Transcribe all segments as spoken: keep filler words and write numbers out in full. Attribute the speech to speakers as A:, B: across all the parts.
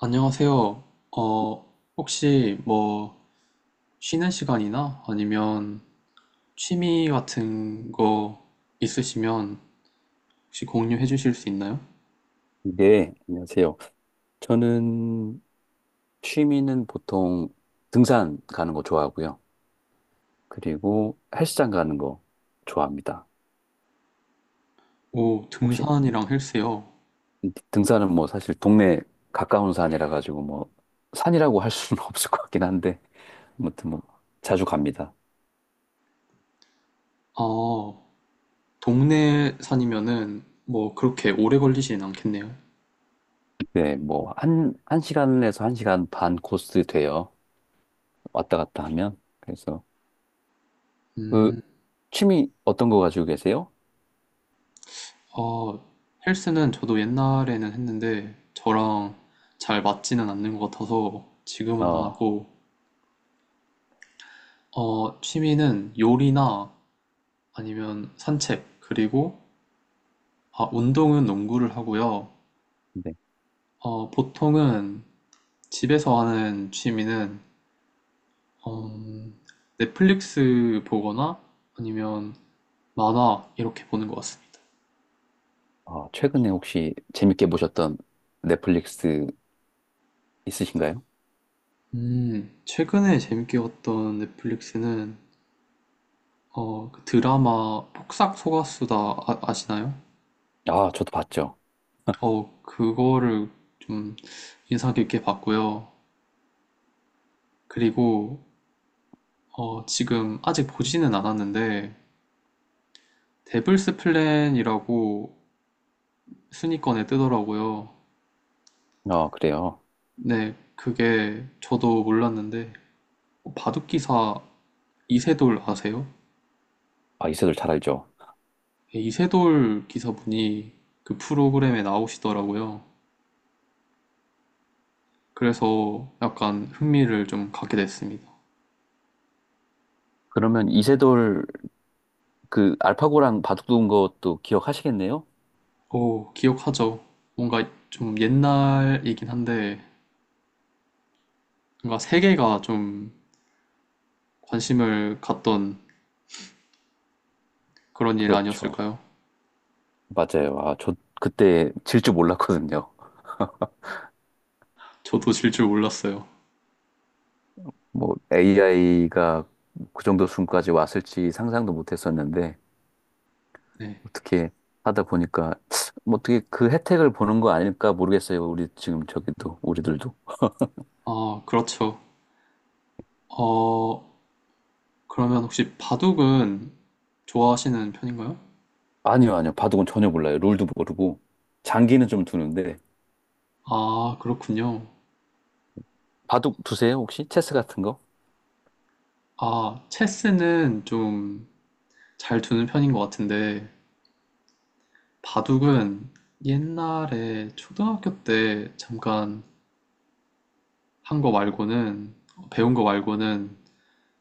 A: 안녕하세요. 어, 혹시 뭐 쉬는 시간이나 아니면 취미 같은 거 있으시면 혹시 공유해 주실 수 있나요?
B: 네, 안녕하세요. 저는 취미는 보통 등산 가는 거 좋아하고요. 그리고 헬스장 가는 거 좋아합니다.
A: 오,
B: 혹시
A: 등산이랑 헬스요.
B: 등산은 뭐 사실 동네 가까운 산이라 가지고 뭐 산이라고 할 수는 없을 것 같긴 한데 아무튼 뭐 자주 갑니다.
A: 아, 동네 산이면은 뭐 그렇게 오래 걸리진 않겠네요.
B: 네, 뭐 한, 한 시간에서 한 시간 반 코스 돼요. 왔다 갔다 하면. 그래서 그
A: 음,
B: 취미 어떤 거 가지고 계세요?
A: 어, 헬스는 저도 옛날에는 했는데 저랑 잘 맞지는 않는 것 같아서 지금은 안
B: 어,
A: 하고, 어, 취미는 요리나 아니면 산책, 그리고 아, 운동은 농구를 하고요.
B: 네.
A: 어, 보통은 집에서 하는 취미는 어, 넷플릭스 보거나 아니면 만화 이렇게 보는 것 같습니다.
B: 아, 최근에 혹시 재밌게 보셨던 넷플릭스 있으신가요?
A: 음, 최근에 재밌게 봤던 넷플릭스는 어, 그 드라마 폭싹 속았수다, 아, 아시나요?
B: 아, 저도 봤죠.
A: 어, 그거를 좀 인상 깊게 봤고요. 그리고 어, 지금 아직 보지는 않았는데 데블스 플랜이라고 순위권에 뜨더라고요.
B: 아, 그래요.
A: 네, 그게 저도 몰랐는데 바둑 기사 이세돌 아세요?
B: 아, 이세돌 잘 알죠.
A: 네, 이세돌 기사분이 그 프로그램에 나오시더라고요. 그래서 약간 흥미를 좀 갖게 됐습니다.
B: 그러면 이세돌 그 알파고랑 바둑 두는 것도 기억하시겠네요?
A: 오, 기억하죠? 뭔가 좀 옛날이긴 한데 뭔가 세계가 좀 관심을 갖던 그런 일
B: 그렇죠.
A: 아니었을까요?
B: 맞아요. 아, 저 그때 질 줄 몰랐거든요.
A: 저도 질 줄 몰랐어요.
B: 뭐 에이아이가 그 정도 수준까지 왔을지 상상도 못 했었는데
A: 네.
B: 어떻게 하다 보니까 뭐 어떻게 그 혜택을 보는 거 아닐까 모르겠어요. 우리 지금 저기도 우리들도.
A: 아, 그렇죠. 어, 그러면 혹시 바둑은 좋아하시는 편인가요?
B: 아니요, 아니요. 바둑은 전혀 몰라요. 룰도 모르고. 장기는 좀 두는데.
A: 아, 그렇군요.
B: 바둑 두세요, 혹시? 체스 같은 거?
A: 아, 체스는 좀 잘 두는 편인 것 같은데, 바둑은 옛날에 초등학교 때 잠깐 한 거 말고는, 배운 거 말고는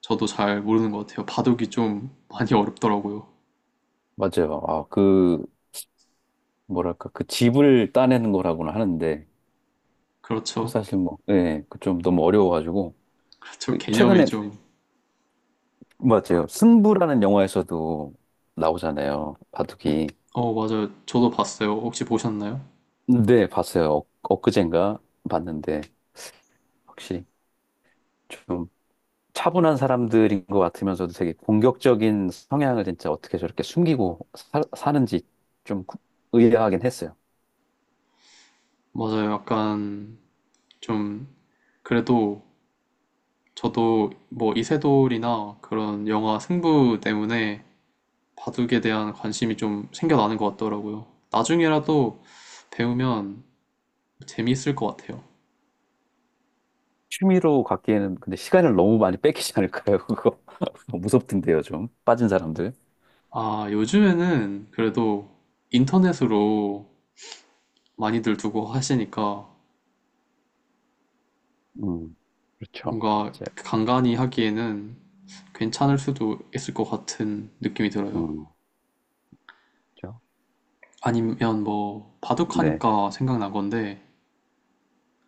A: 저도 잘 모르는 것 같아요. 바둑이 좀 많이 어렵더라고요.
B: 맞아요. 아, 그, 뭐랄까, 그 집을 따내는 거라고는 하는데, 그
A: 그렇죠.
B: 사실 뭐, 예, 그 좀 너무 어려워가지고.
A: 그렇죠.
B: 그,
A: 개념이
B: 최근에,
A: 좀.
B: 맞아요. 승부라는 영화에서도 나오잖아요. 바둑이.
A: 어, 맞아요. 저도 봤어요. 혹시 보셨나요?
B: 네, 봤어요. 엊- 엊그젠가 봤는데, 확실히 좀 차분한 사람들인 것 같으면서도 되게 공격적인 성향을 진짜 어떻게 저렇게 숨기고 사, 사는지 좀 구- 의아하긴 했어요.
A: 맞아요. 약간 좀, 그래도 저도 뭐 이세돌이나 그런 영화 승부 때문에 바둑에 대한 관심이 좀 생겨나는 것 같더라고요. 나중에라도 배우면 재미있을 것 같아요.
B: 취미로 갖기에는 근데 시간을 너무 많이 뺏기지 않을까요? 그거 무섭던데요, 좀 빠진 사람들.
A: 아, 요즘에는 그래도 인터넷으로 많이들 두고 하시니까
B: 음, 그렇죠,
A: 뭔가
B: 맞아요.
A: 간간히 하기에는 괜찮을 수도 있을 것 같은 느낌이 들어요.
B: 음, 그렇죠.
A: 아니면 뭐
B: 네,
A: 바둑하니까 생각난 건데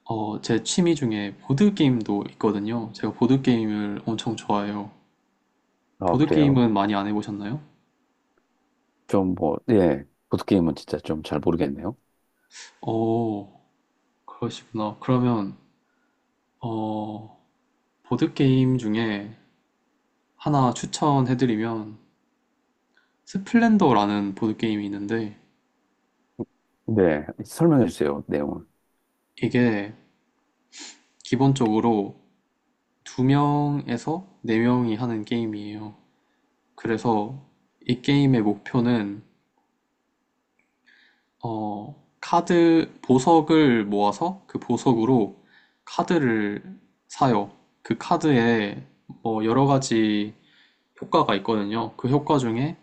A: 어, 제 취미 중에 보드게임도 있거든요. 제가 보드게임을 엄청 좋아해요.
B: 아 그래요.
A: 보드게임은 많이 안 해보셨나요?
B: 좀 뭐, 예, 보드 게임은 진짜 좀 잘 모르겠네요.
A: 어, 그러시구나. 그러면, 어, 보드게임 중에 하나 추천해드리면, 스플렌더라는 보드게임이 있는데,
B: 네, 설명해 주세요, 내용을.
A: 이게 기본적으로 두 명에서 네 명이 하는 게임이에요. 그래서 이 게임의 목표는 어, 카드 보석을 모아서 그 보석으로 카드를 사요. 그 카드에 뭐 여러 가지 효과가 있거든요. 그 효과 중에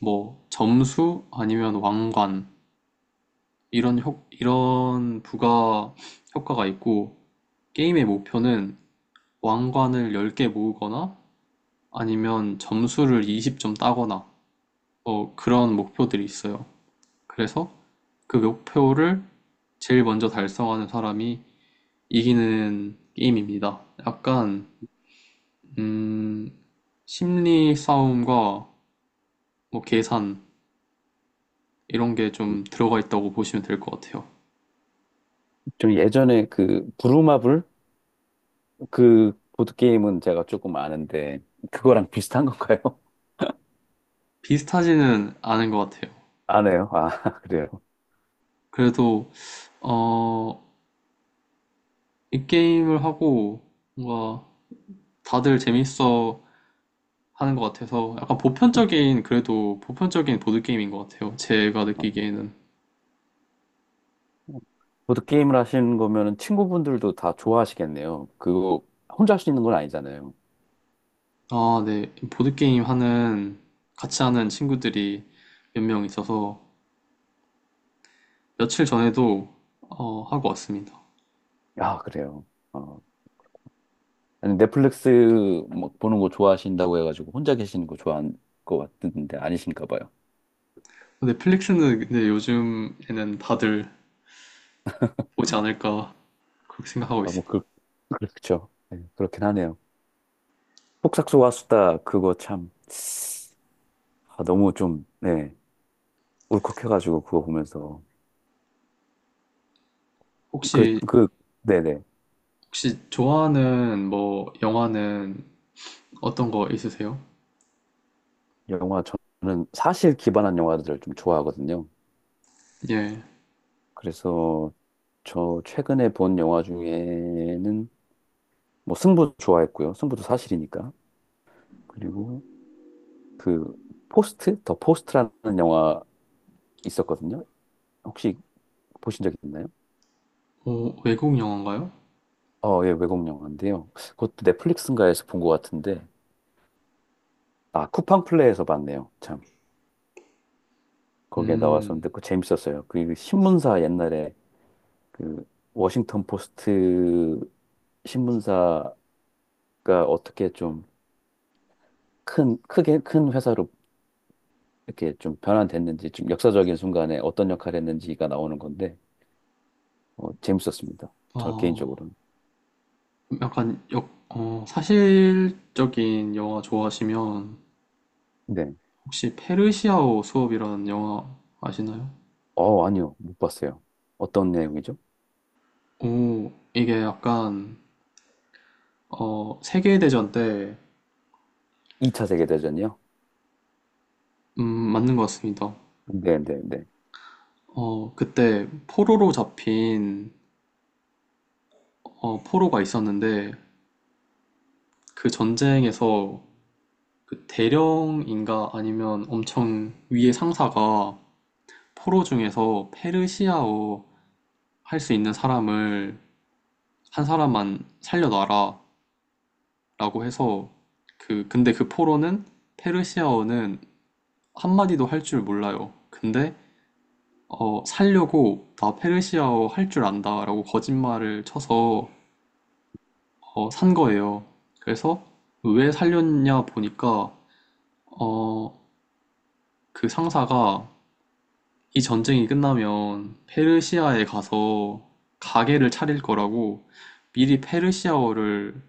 A: 뭐 점수 아니면 왕관 이런 효, 이런 부가 효과가 있고 게임의 목표는 왕관을 열 개 모으거나 아니면 점수를 이십 점 따거나 뭐 그런 목표들이 있어요. 그래서 그 목표를 제일 먼저 달성하는 사람이 이기는 게임입니다. 약간 음, 심리 싸움과 뭐 계산 이런 게
B: 음.
A: 좀 들어가 있다고 보시면 될 것 같아요.
B: 좀 예전에 그 부루마블 그 보드게임은 제가 조금 아는데, 그거랑 비슷한 건가요?
A: 비슷하지는 않은 것 같아요.
B: 안 해요? 아, 그래요?
A: 그래도 어, 이 게임을 하고 뭔가 다들 재밌어 하는 것 같아서 약간 보편적인 그래도 보편적인 보드 게임인 것 같아요. 제가
B: 어,
A: 느끼기에는.
B: 보드게임을 하시는 거면은 친구분들도 다 좋아하시겠네요. 그거 혼자 할 수 있는 건 아니잖아요.
A: 아, 네. 보드 게임 하는 같이 하는 친구들이 몇 명 있어서 며칠 전에도 어, 하고 왔습니다.
B: 아, 그래요? 어. 아니, 넷플릭스 뭐 보는 거 좋아하신다고 해가지고 혼자 계시는 거 좋아하는 것 같은데 아니신가 봐요.
A: 넷플릭스는 근데 요즘에는 다들 보지 않을까 그렇게 생각하고
B: 아, 뭐,
A: 있어요.
B: 그, 그렇죠. 네, 그렇긴 하네요. 폭삭소와 수다, 그거 참, 아, 너무 좀, 네, 울컥해가지고 그거 보면서. 그,
A: 혹시
B: 그, 네네.
A: 혹시 좋아하는 뭐 영화는 어떤 거 있으세요?
B: 영화 저는 사실 기반한 영화들을 좀 좋아하거든요.
A: 예,
B: 그래서 저 최근에 본 영화 중에는 뭐 승부 좋아했고요. 승부도 사실이니까. 그리고 그 포스트, 더 포스트라는 영화 있었거든요. 혹시 보신 적 있나요?
A: 어, 외국 영화인가요?
B: 어, 예, 외국 영화인데요. 그것도 넷플릭스인가에서 본 것 같은데, 아, 쿠팡플레이에서 봤네요. 참. 거기에
A: 음,
B: 나왔었는데, 그거 재밌었어요. 그 신문사 옛날에 그 워싱턴 포스트 신문사 그러니까 어떻게 좀 큰, 크게 큰 회사로 이렇게 좀 변환됐는지, 좀 역사적인 순간에 어떤 역할을 했는지가 나오는 건데, 어, 재밌었습니다. 저
A: 어,
B: 개인적으로는.
A: 약간 역, 어, 사실적인 영화 좋아하시면
B: 네.
A: 혹시 페르시아어 수업이라는 영화 아시나요?
B: 어, 아니요. 못 봤어요. 어떤 내용이죠?
A: 오, 이게 약간 어, 세계대전 때.
B: 이 차 세계대전이요?
A: 음, 맞는 것 같습니다.
B: 네, 네, 네.
A: 어, 그때 포로로 잡힌 어, 포로가 있었는데 그 전쟁에서 그 대령인가 아니면 엄청 위의 상사가 포로 중에서 페르시아어 할 수 있는 사람을 한 사람만 살려놔라라고 해서, 그 근데 그 포로는 페르시아어는 한마디도 할 줄 몰라요. 근데 어, 살려고 나 페르시아어 할 줄 안다라고 거짓말을 쳐서 어, 산 거예요. 그래서 왜 살렸냐 보니까 어, 그 상사가 이 전쟁이 끝나면 페르시아에 가서 가게를 차릴 거라고 미리 페르시아어를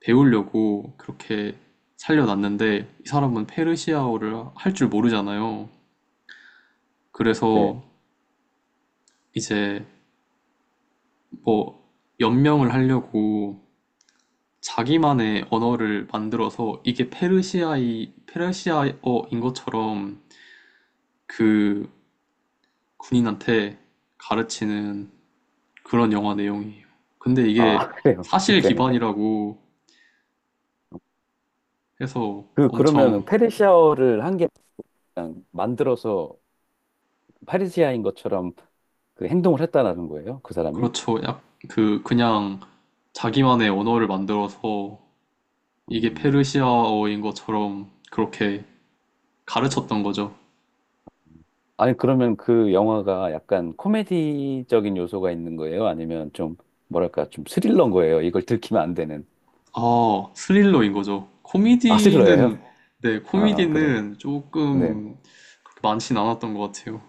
A: 배우려고 그렇게 살려놨는데 이 사람은 페르시아어를 할 줄 모르잖아요.
B: 네.
A: 그래서 이제 뭐 연명을 하려고 자기만의 언어를 만들어서 이게 페르시아이 페르시아어인 것처럼 그 군인한테 가르치는 그런 영화 내용이에요. 근데 이게
B: 아, 그래요.
A: 사실
B: 네.
A: 기반이라고 해서
B: 그, 그러면
A: 엄청.
B: 페르시아어를 한 개 그냥 만들어서 페르시아인 것처럼 그 행동을 했다라는 거예요? 그 사람이?
A: 그렇죠. 약그 그냥 자기만의 언어를 만들어서 이게
B: 음.
A: 페르시아어인 것처럼 그렇게 가르쳤던 거죠.
B: 아니, 그러면 그 영화가 약간 코미디적인 요소가 있는 거예요? 아니면 좀, 뭐랄까, 좀 스릴러인 거예요? 이걸 들키면 안 되는.
A: 아, 스릴러인 거죠.
B: 아, 스릴러예요?
A: 코미디는, 네,
B: 아, 그래요?
A: 코미디는
B: 네.
A: 조금 그렇게 많진 않았던 것 같아요.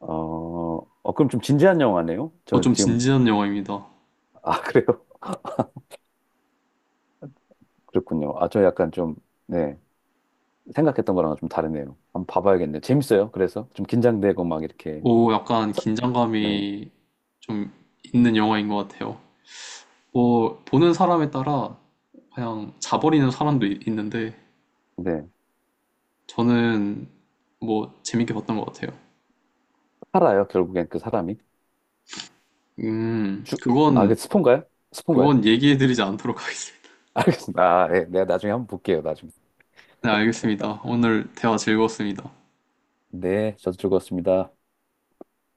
B: 어, 어, 그럼 좀 진지한 영화네요?
A: 어,
B: 저
A: 좀
B: 지금,
A: 진지한 영화입니다.
B: 아, 그래요? 그렇군요. 아, 저 약간 좀, 네. 생각했던 거랑 좀 다르네요. 한번 봐봐야겠네요. 재밌어요. 그래서 좀 긴장되고 막 이렇게.
A: 오, 약간
B: 사- 네.
A: 긴장감이 좀 있는 영화인 것 같아요. 뭐, 보는 사람에 따라 그냥 자버리는 사람도 이- 있는데,
B: 네.
A: 저는 뭐, 재밌게 봤던 것 같아요.
B: 살아요. 결국엔 그 사람이.
A: 음,
B: 주, 아, 그
A: 그건,
B: 스폰가요? 스폰가요?
A: 그건 얘기해드리지 않도록 하겠습니다.
B: 알겠습니다. 아, 네. 내가 나중에 한번 볼게요. 나중에.
A: 네, 알겠습니다. 오늘 대화 즐거웠습니다.
B: 네, 저도 즐거웠습니다.